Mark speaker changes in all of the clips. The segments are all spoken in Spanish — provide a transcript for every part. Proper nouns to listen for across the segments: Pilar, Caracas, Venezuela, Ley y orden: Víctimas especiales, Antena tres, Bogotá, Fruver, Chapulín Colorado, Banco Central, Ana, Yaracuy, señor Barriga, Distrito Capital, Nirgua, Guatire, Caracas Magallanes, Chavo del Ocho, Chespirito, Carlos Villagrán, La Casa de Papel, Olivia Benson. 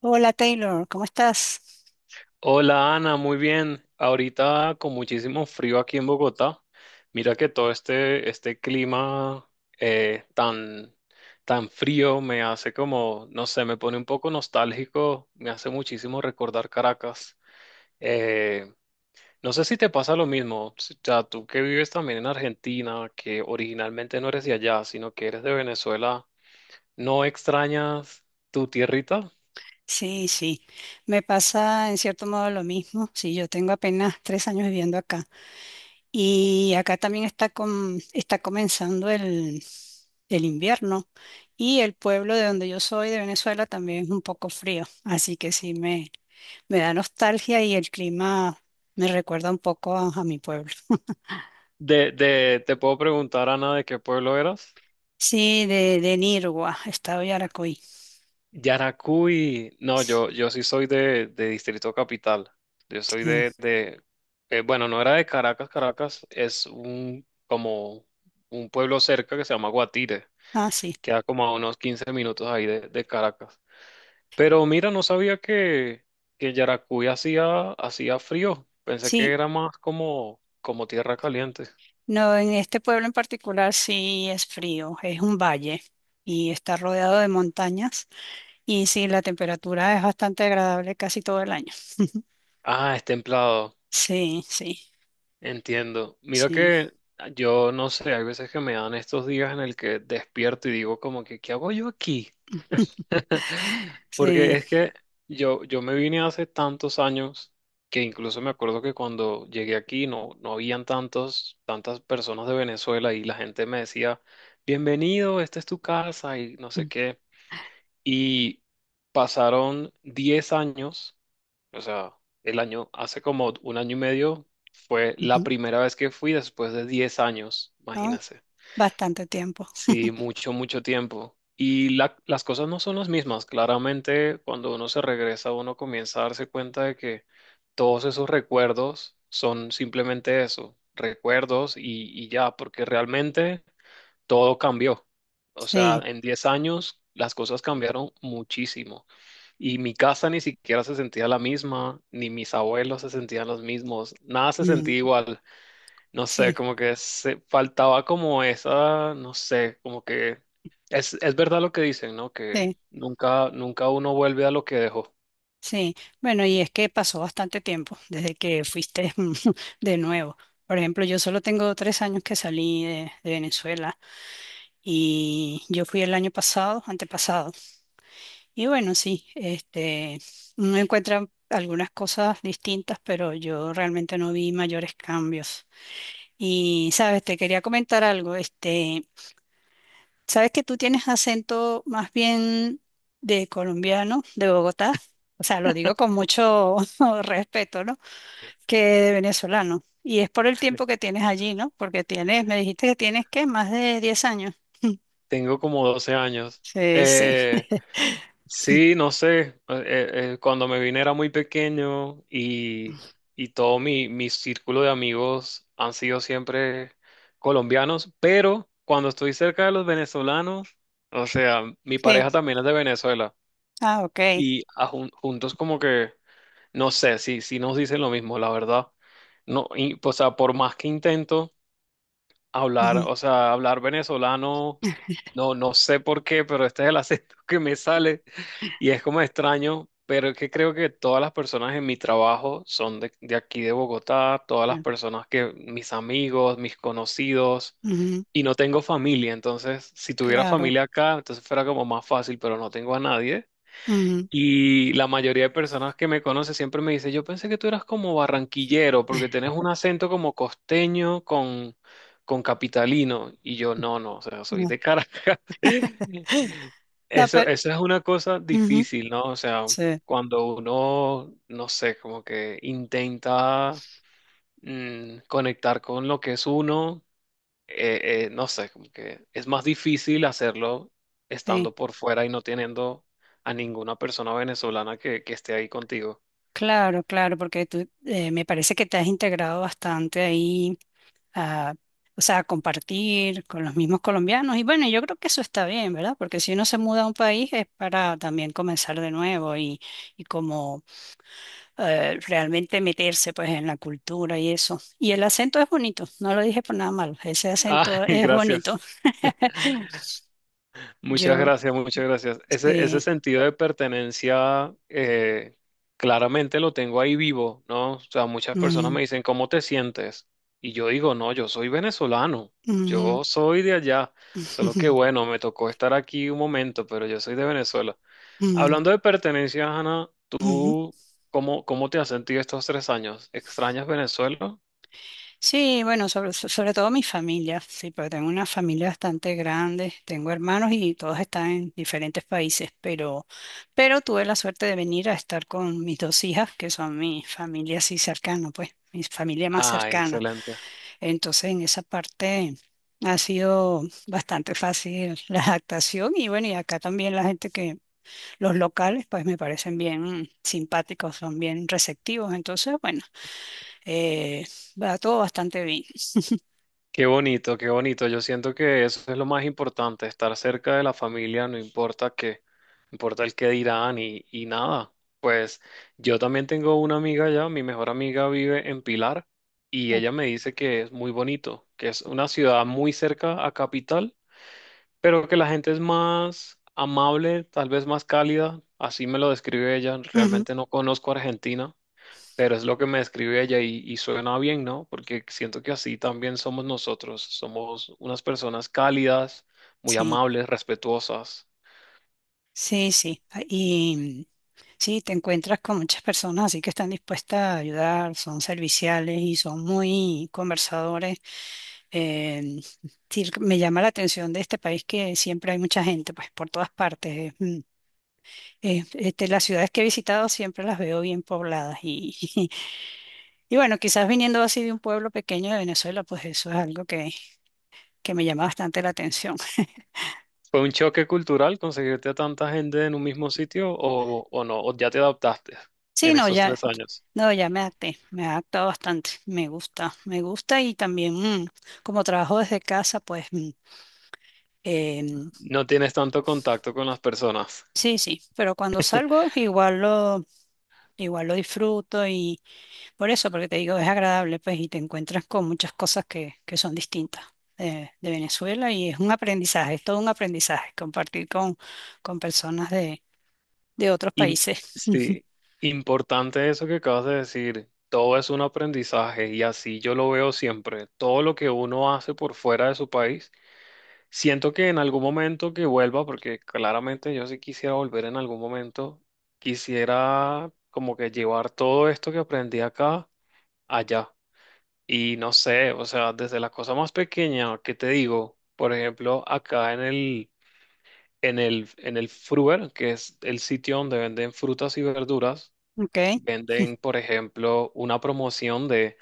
Speaker 1: Hola Taylor, ¿cómo estás?
Speaker 2: Hola Ana, muy bien. Ahorita con muchísimo frío aquí en Bogotá. Mira que todo este clima eh, tan, tan frío me hace como, no sé, me pone un poco nostálgico, me hace muchísimo recordar Caracas. Eh, no sé si te pasa lo mismo, o sea, tú que vives también en Argentina, que originalmente no eres de allá, sino que eres de Venezuela, ¿no extrañas tu tierrita?
Speaker 1: Sí, sí, me pasa en cierto modo lo mismo. Sí, yo tengo apenas 3 años viviendo acá y acá también está, está comenzando el invierno y el pueblo de donde yo soy, de Venezuela, también es un poco frío, así que sí me da nostalgia y el clima me recuerda un poco a mi pueblo.
Speaker 2: Te puedo preguntar, Ana, ¿de qué pueblo eras?
Speaker 1: Sí, de Nirgua, estado de Yaracuy.
Speaker 2: Yaracuy, no, yo sí soy de Distrito Capital. Yo soy
Speaker 1: Sí.
Speaker 2: de bueno, no era de Caracas, Caracas, es un como un pueblo cerca que se llama Guatire,
Speaker 1: Ah, sí.
Speaker 2: queda como a unos 15 minutos ahí de Caracas. Pero mira, no sabía que Yaracuy hacía frío. Pensé que
Speaker 1: Sí,
Speaker 2: era más como tierra caliente.
Speaker 1: no, en este pueblo en particular sí es frío, es un valle y está rodeado de montañas y sí, la temperatura es bastante agradable casi todo el año.
Speaker 2: Ah, es templado.
Speaker 1: Sí, sí,
Speaker 2: Entiendo. Mira
Speaker 1: sí,
Speaker 2: que yo no sé, hay veces que me dan estos días en el que despierto y digo como que, ¿qué hago yo aquí? Porque
Speaker 1: sí.
Speaker 2: es que yo me vine hace tantos años que incluso me acuerdo que cuando llegué aquí no habían tantas personas de Venezuela y la gente me decía, bienvenido, esta es tu casa y no sé
Speaker 1: Mm,
Speaker 2: qué. Y pasaron 10 años, o sea, el año, hace como un año y medio fue la
Speaker 1: ujú.
Speaker 2: primera vez que fui después de 10 años,
Speaker 1: ¿No?
Speaker 2: imagínense.
Speaker 1: Bastante tiempo.
Speaker 2: Sí, mucho, mucho tiempo. Y las cosas no son las mismas. Claramente, cuando uno se regresa, uno comienza a darse cuenta de que todos esos recuerdos son simplemente eso, recuerdos y ya, porque realmente todo cambió. O sea,
Speaker 1: Sí,
Speaker 2: en 10 años las cosas cambiaron muchísimo. Y mi casa ni siquiera se sentía la misma, ni mis abuelos se sentían los mismos, nada se sentía
Speaker 1: mm,
Speaker 2: igual. No sé,
Speaker 1: sí,
Speaker 2: como que se faltaba como esa, no sé, como que es verdad lo que dicen, ¿no? Que
Speaker 1: sí,
Speaker 2: nunca, nunca uno vuelve a lo que dejó.
Speaker 1: sí. Bueno, y es que pasó bastante tiempo desde que fuiste de nuevo. Por ejemplo, yo solo tengo 3 años que salí de Venezuela y yo fui el año pasado, antepasado. Y bueno, sí, uno encuentra algunas cosas distintas, pero yo realmente no vi mayores cambios. Y, sabes, te quería comentar algo, sabes que tú tienes acento más bien de colombiano, de Bogotá, o sea, lo digo con mucho respeto, ¿no? Que de venezolano. Y es por el tiempo que tienes allí, ¿no? Porque tienes, me dijiste que tienes, ¿qué? Más de 10 años.
Speaker 2: Tengo como 12 años.
Speaker 1: Sí, sí,
Speaker 2: Eh, Sí, no sé, cuando me vine era muy pequeño y todo mi círculo de amigos han sido siempre colombianos, pero cuando estoy cerca de los venezolanos, o sea, mi
Speaker 1: sí.
Speaker 2: pareja también es de Venezuela
Speaker 1: Ah, ok.
Speaker 2: y juntos como que, no sé, si nos dicen lo mismo, la verdad. No, y, o sea, por más que intento. Hablar,
Speaker 1: Ujú,
Speaker 2: o sea, hablar venezolano, no, no sé por qué, pero este es el acento que me sale y es como extraño, pero es que creo que todas las personas en mi trabajo son de aquí de Bogotá, todas las
Speaker 1: ya.
Speaker 2: personas que, mis amigos, mis conocidos,
Speaker 1: Ujú,
Speaker 2: y no tengo familia, entonces si tuviera
Speaker 1: claro.
Speaker 2: familia acá, entonces fuera como más fácil, pero no tengo a nadie. Y la mayoría de personas que me conocen siempre me dice, yo pensé que tú eras como barranquillero, porque tenés un acento como costeño con capitalino. Y yo, no, no, o sea, soy
Speaker 1: No,
Speaker 2: de Caracas.
Speaker 1: no,
Speaker 2: Eso,
Speaker 1: pero
Speaker 2: eso es una cosa
Speaker 1: ujú,
Speaker 2: difícil, ¿no? O sea,
Speaker 1: sí,
Speaker 2: cuando uno, no sé, como que intenta conectar con lo que es uno, no sé, como que es más difícil hacerlo
Speaker 1: sí,
Speaker 2: estando por fuera y no teniendo a ninguna persona venezolana que esté ahí contigo.
Speaker 1: claro, claro, porque tú me parece que te has integrado bastante ahí a, o sea, a compartir con los mismos colombianos. Y bueno, yo creo que eso está bien, ¿verdad? Porque si uno se muda a un país es para también comenzar de nuevo y como realmente meterse pues en la cultura y eso. Y el acento es bonito, no lo dije por nada malo, ese
Speaker 2: Ah,
Speaker 1: acento es bonito.
Speaker 2: gracias. Muchas
Speaker 1: Yo,
Speaker 2: gracias, muchas gracias. Ese
Speaker 1: sí.
Speaker 2: sentido de pertenencia claramente lo tengo ahí vivo, ¿no? O sea, muchas personas
Speaker 1: Mm,
Speaker 2: me dicen, ¿cómo te sientes? Y yo digo, no, yo soy venezolano,
Speaker 1: ujú,
Speaker 2: yo soy de allá, solo que
Speaker 1: ujú,
Speaker 2: bueno, me tocó estar aquí un momento, pero yo soy de Venezuela. Hablando de pertenencia Ana,
Speaker 1: ujú.
Speaker 2: ¿tú cómo te has sentido estos 3 años? ¿Extrañas Venezuela?
Speaker 1: Sí, bueno, sobre, sobre todo mi familia, sí, porque tengo una familia bastante grande, tengo hermanos y todos están en diferentes países, pero tuve la suerte de venir a estar con mis dos hijas, que son mi familia así cercana, pues, mi familia más
Speaker 2: Ah,
Speaker 1: cercana.
Speaker 2: excelente.
Speaker 1: Entonces, en esa parte ha sido bastante fácil la adaptación y bueno, y acá también la gente que, los locales, pues me parecen bien simpáticos, son bien receptivos, entonces, bueno, eh, va todo bastante bien.
Speaker 2: Qué bonito, qué bonito. Yo siento que eso es lo más importante, estar cerca de la familia, no importa qué, no importa el qué dirán y nada. Pues yo también tengo una amiga allá, mi mejor amiga vive en Pilar y
Speaker 1: No.
Speaker 2: ella me dice que es muy bonito, que es una ciudad muy cerca a Capital, pero que la gente es más amable, tal vez más cálida, así me lo describe ella.
Speaker 1: Ujú,
Speaker 2: Realmente no conozco Argentina, pero es lo que me describe ella y suena bien, ¿no? Porque siento que así también somos nosotros, somos unas personas cálidas, muy
Speaker 1: sí,
Speaker 2: amables, respetuosas.
Speaker 1: sí, sí. Ah, y sí, te encuentras con muchas personas así que están dispuestas a ayudar, son serviciales y son muy conversadores. Eh, sí, me llama la atención de este país que siempre hay mucha gente, pues por todas partes. Las ciudades que he visitado siempre las veo bien pobladas y, y bueno, quizás viniendo así de un pueblo pequeño de Venezuela, pues eso es algo que me llama bastante la atención.
Speaker 2: ¿Fue un choque cultural conseguirte a tanta gente en un mismo sitio o no? ¿O ya te adaptaste
Speaker 1: Sí,
Speaker 2: en
Speaker 1: no,
Speaker 2: esos
Speaker 1: ya,
Speaker 2: 3 años?
Speaker 1: no, ya me adapté, me he adaptado bastante, me gusta y también como trabajo desde casa, pues em,
Speaker 2: No tienes tanto contacto con las personas.
Speaker 1: sí, sí, pero cuando salgo igual lo disfruto y por eso, porque te digo, es agradable, pues, y te encuentras con muchas cosas que son distintas de Venezuela y es un aprendizaje, es todo un aprendizaje compartir con personas de otros
Speaker 2: Im-
Speaker 1: países.
Speaker 2: sí, importante eso que acabas de decir. Todo es un aprendizaje y así yo lo veo siempre. Todo lo que uno hace por fuera de su país, siento que en algún momento que vuelva, porque claramente yo sí quisiera volver en algún momento, quisiera como que llevar todo esto que aprendí acá allá. Y no sé, o sea, desde la cosa más pequeña que te digo, por ejemplo, acá en el, en el Fruver, que es el sitio donde venden frutas y verduras.
Speaker 1: Okay.
Speaker 2: Venden, por ejemplo, una promoción de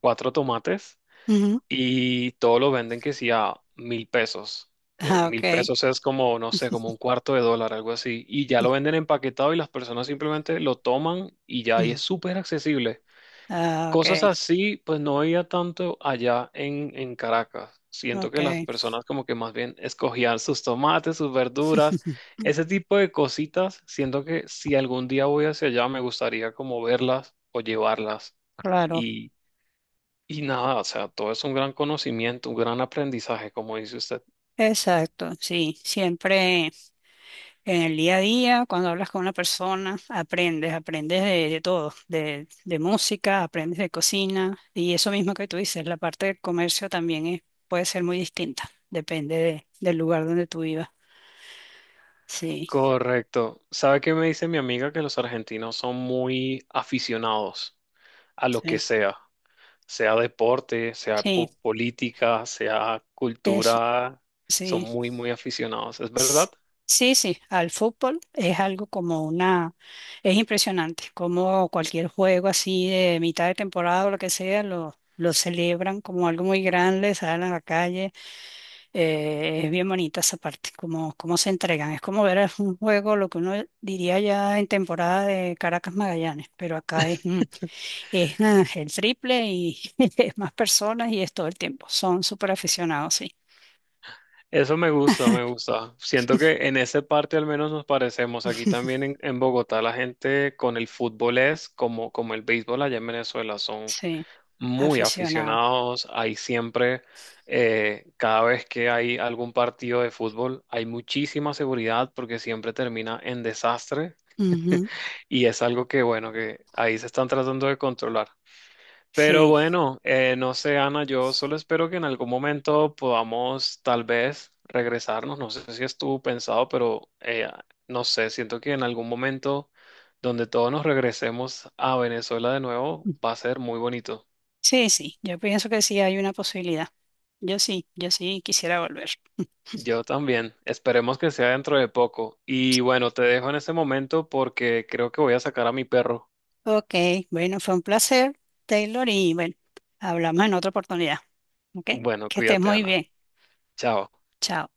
Speaker 2: cuatro tomates
Speaker 1: Ujú.
Speaker 2: y todo lo venden que sí a 1.000 pesos. Eh,
Speaker 1: Ah,
Speaker 2: mil
Speaker 1: okay.
Speaker 2: pesos es como, no sé, como un cuarto de dólar, algo así. Y ya lo venden empaquetado y las personas simplemente lo toman y ya ahí es
Speaker 1: Mm.
Speaker 2: súper accesible.
Speaker 1: Ah,
Speaker 2: Cosas
Speaker 1: okay.
Speaker 2: así, pues no había tanto allá en Caracas. Siento que las
Speaker 1: Okay.
Speaker 2: personas como que más bien escogían sus tomates, sus verduras, ese tipo de cositas. Siento que si algún día voy hacia allá me gustaría como verlas o llevarlas.
Speaker 1: Claro,
Speaker 2: Y, y nada, o sea, todo es un gran conocimiento, un gran aprendizaje, como dice usted.
Speaker 1: exacto, sí, siempre en el día a día, cuando hablas con una persona, aprendes, aprendes de todo, de música, aprendes de cocina y eso mismo que tú dices, la parte del comercio también es- puede ser muy distinta, depende de- del lugar donde tú vivas, sí.
Speaker 2: Correcto. ¿Sabe qué me dice mi amiga? Que los argentinos son muy aficionados a lo que
Speaker 1: Sí,
Speaker 2: sea, sea deporte, sea
Speaker 1: sí,
Speaker 2: política, sea
Speaker 1: eso,
Speaker 2: cultura, son
Speaker 1: sí.
Speaker 2: muy, muy aficionados, ¿es
Speaker 1: S-
Speaker 2: verdad?
Speaker 1: Sí, sí, al fútbol es algo como una, es impresionante, como cualquier juego así de mitad de temporada o lo que sea, lo celebran como algo muy grande, salen a la calle, es bien bonita esa parte, como, cómo se entregan, es como ver un juego, lo que uno diría ya en temporada de Caracas Magallanes, pero acá es, mm, es ah, el triple y es más personas y es todo el tiempo, son súper aficionados, sí.
Speaker 2: Eso me gusta, me gusta. Siento que en esa parte al menos nos parecemos. Aquí también en Bogotá la gente con el fútbol es como el béisbol allá en Venezuela, son
Speaker 1: Sí.
Speaker 2: muy
Speaker 1: Aficionado.
Speaker 2: aficionados. Hay siempre, cada vez que hay algún partido de fútbol, hay muchísima seguridad porque siempre termina en desastre.
Speaker 1: Ujú.
Speaker 2: Y es algo que, bueno, que ahí se están tratando de controlar. Pero
Speaker 1: Sí,
Speaker 2: bueno, no sé, Ana, yo solo espero que en algún momento podamos tal vez regresarnos. No sé si estuvo pensado, pero no sé, siento que en algún momento donde todos nos regresemos a Venezuela de nuevo va a ser muy bonito.
Speaker 1: sí, sí. Yo pienso que sí hay una posibilidad. Yo sí, yo sí quisiera volver.
Speaker 2: Yo también. Esperemos que sea dentro de poco. Y bueno, te dejo en ese momento porque creo que voy a sacar a mi perro.
Speaker 1: Ok, bueno, fue un placer, Taylor, y bueno, hablamos en otra oportunidad. Ok,
Speaker 2: Bueno,
Speaker 1: que estés
Speaker 2: cuídate,
Speaker 1: muy
Speaker 2: Ana.
Speaker 1: bien.
Speaker 2: Chao.
Speaker 1: Chao.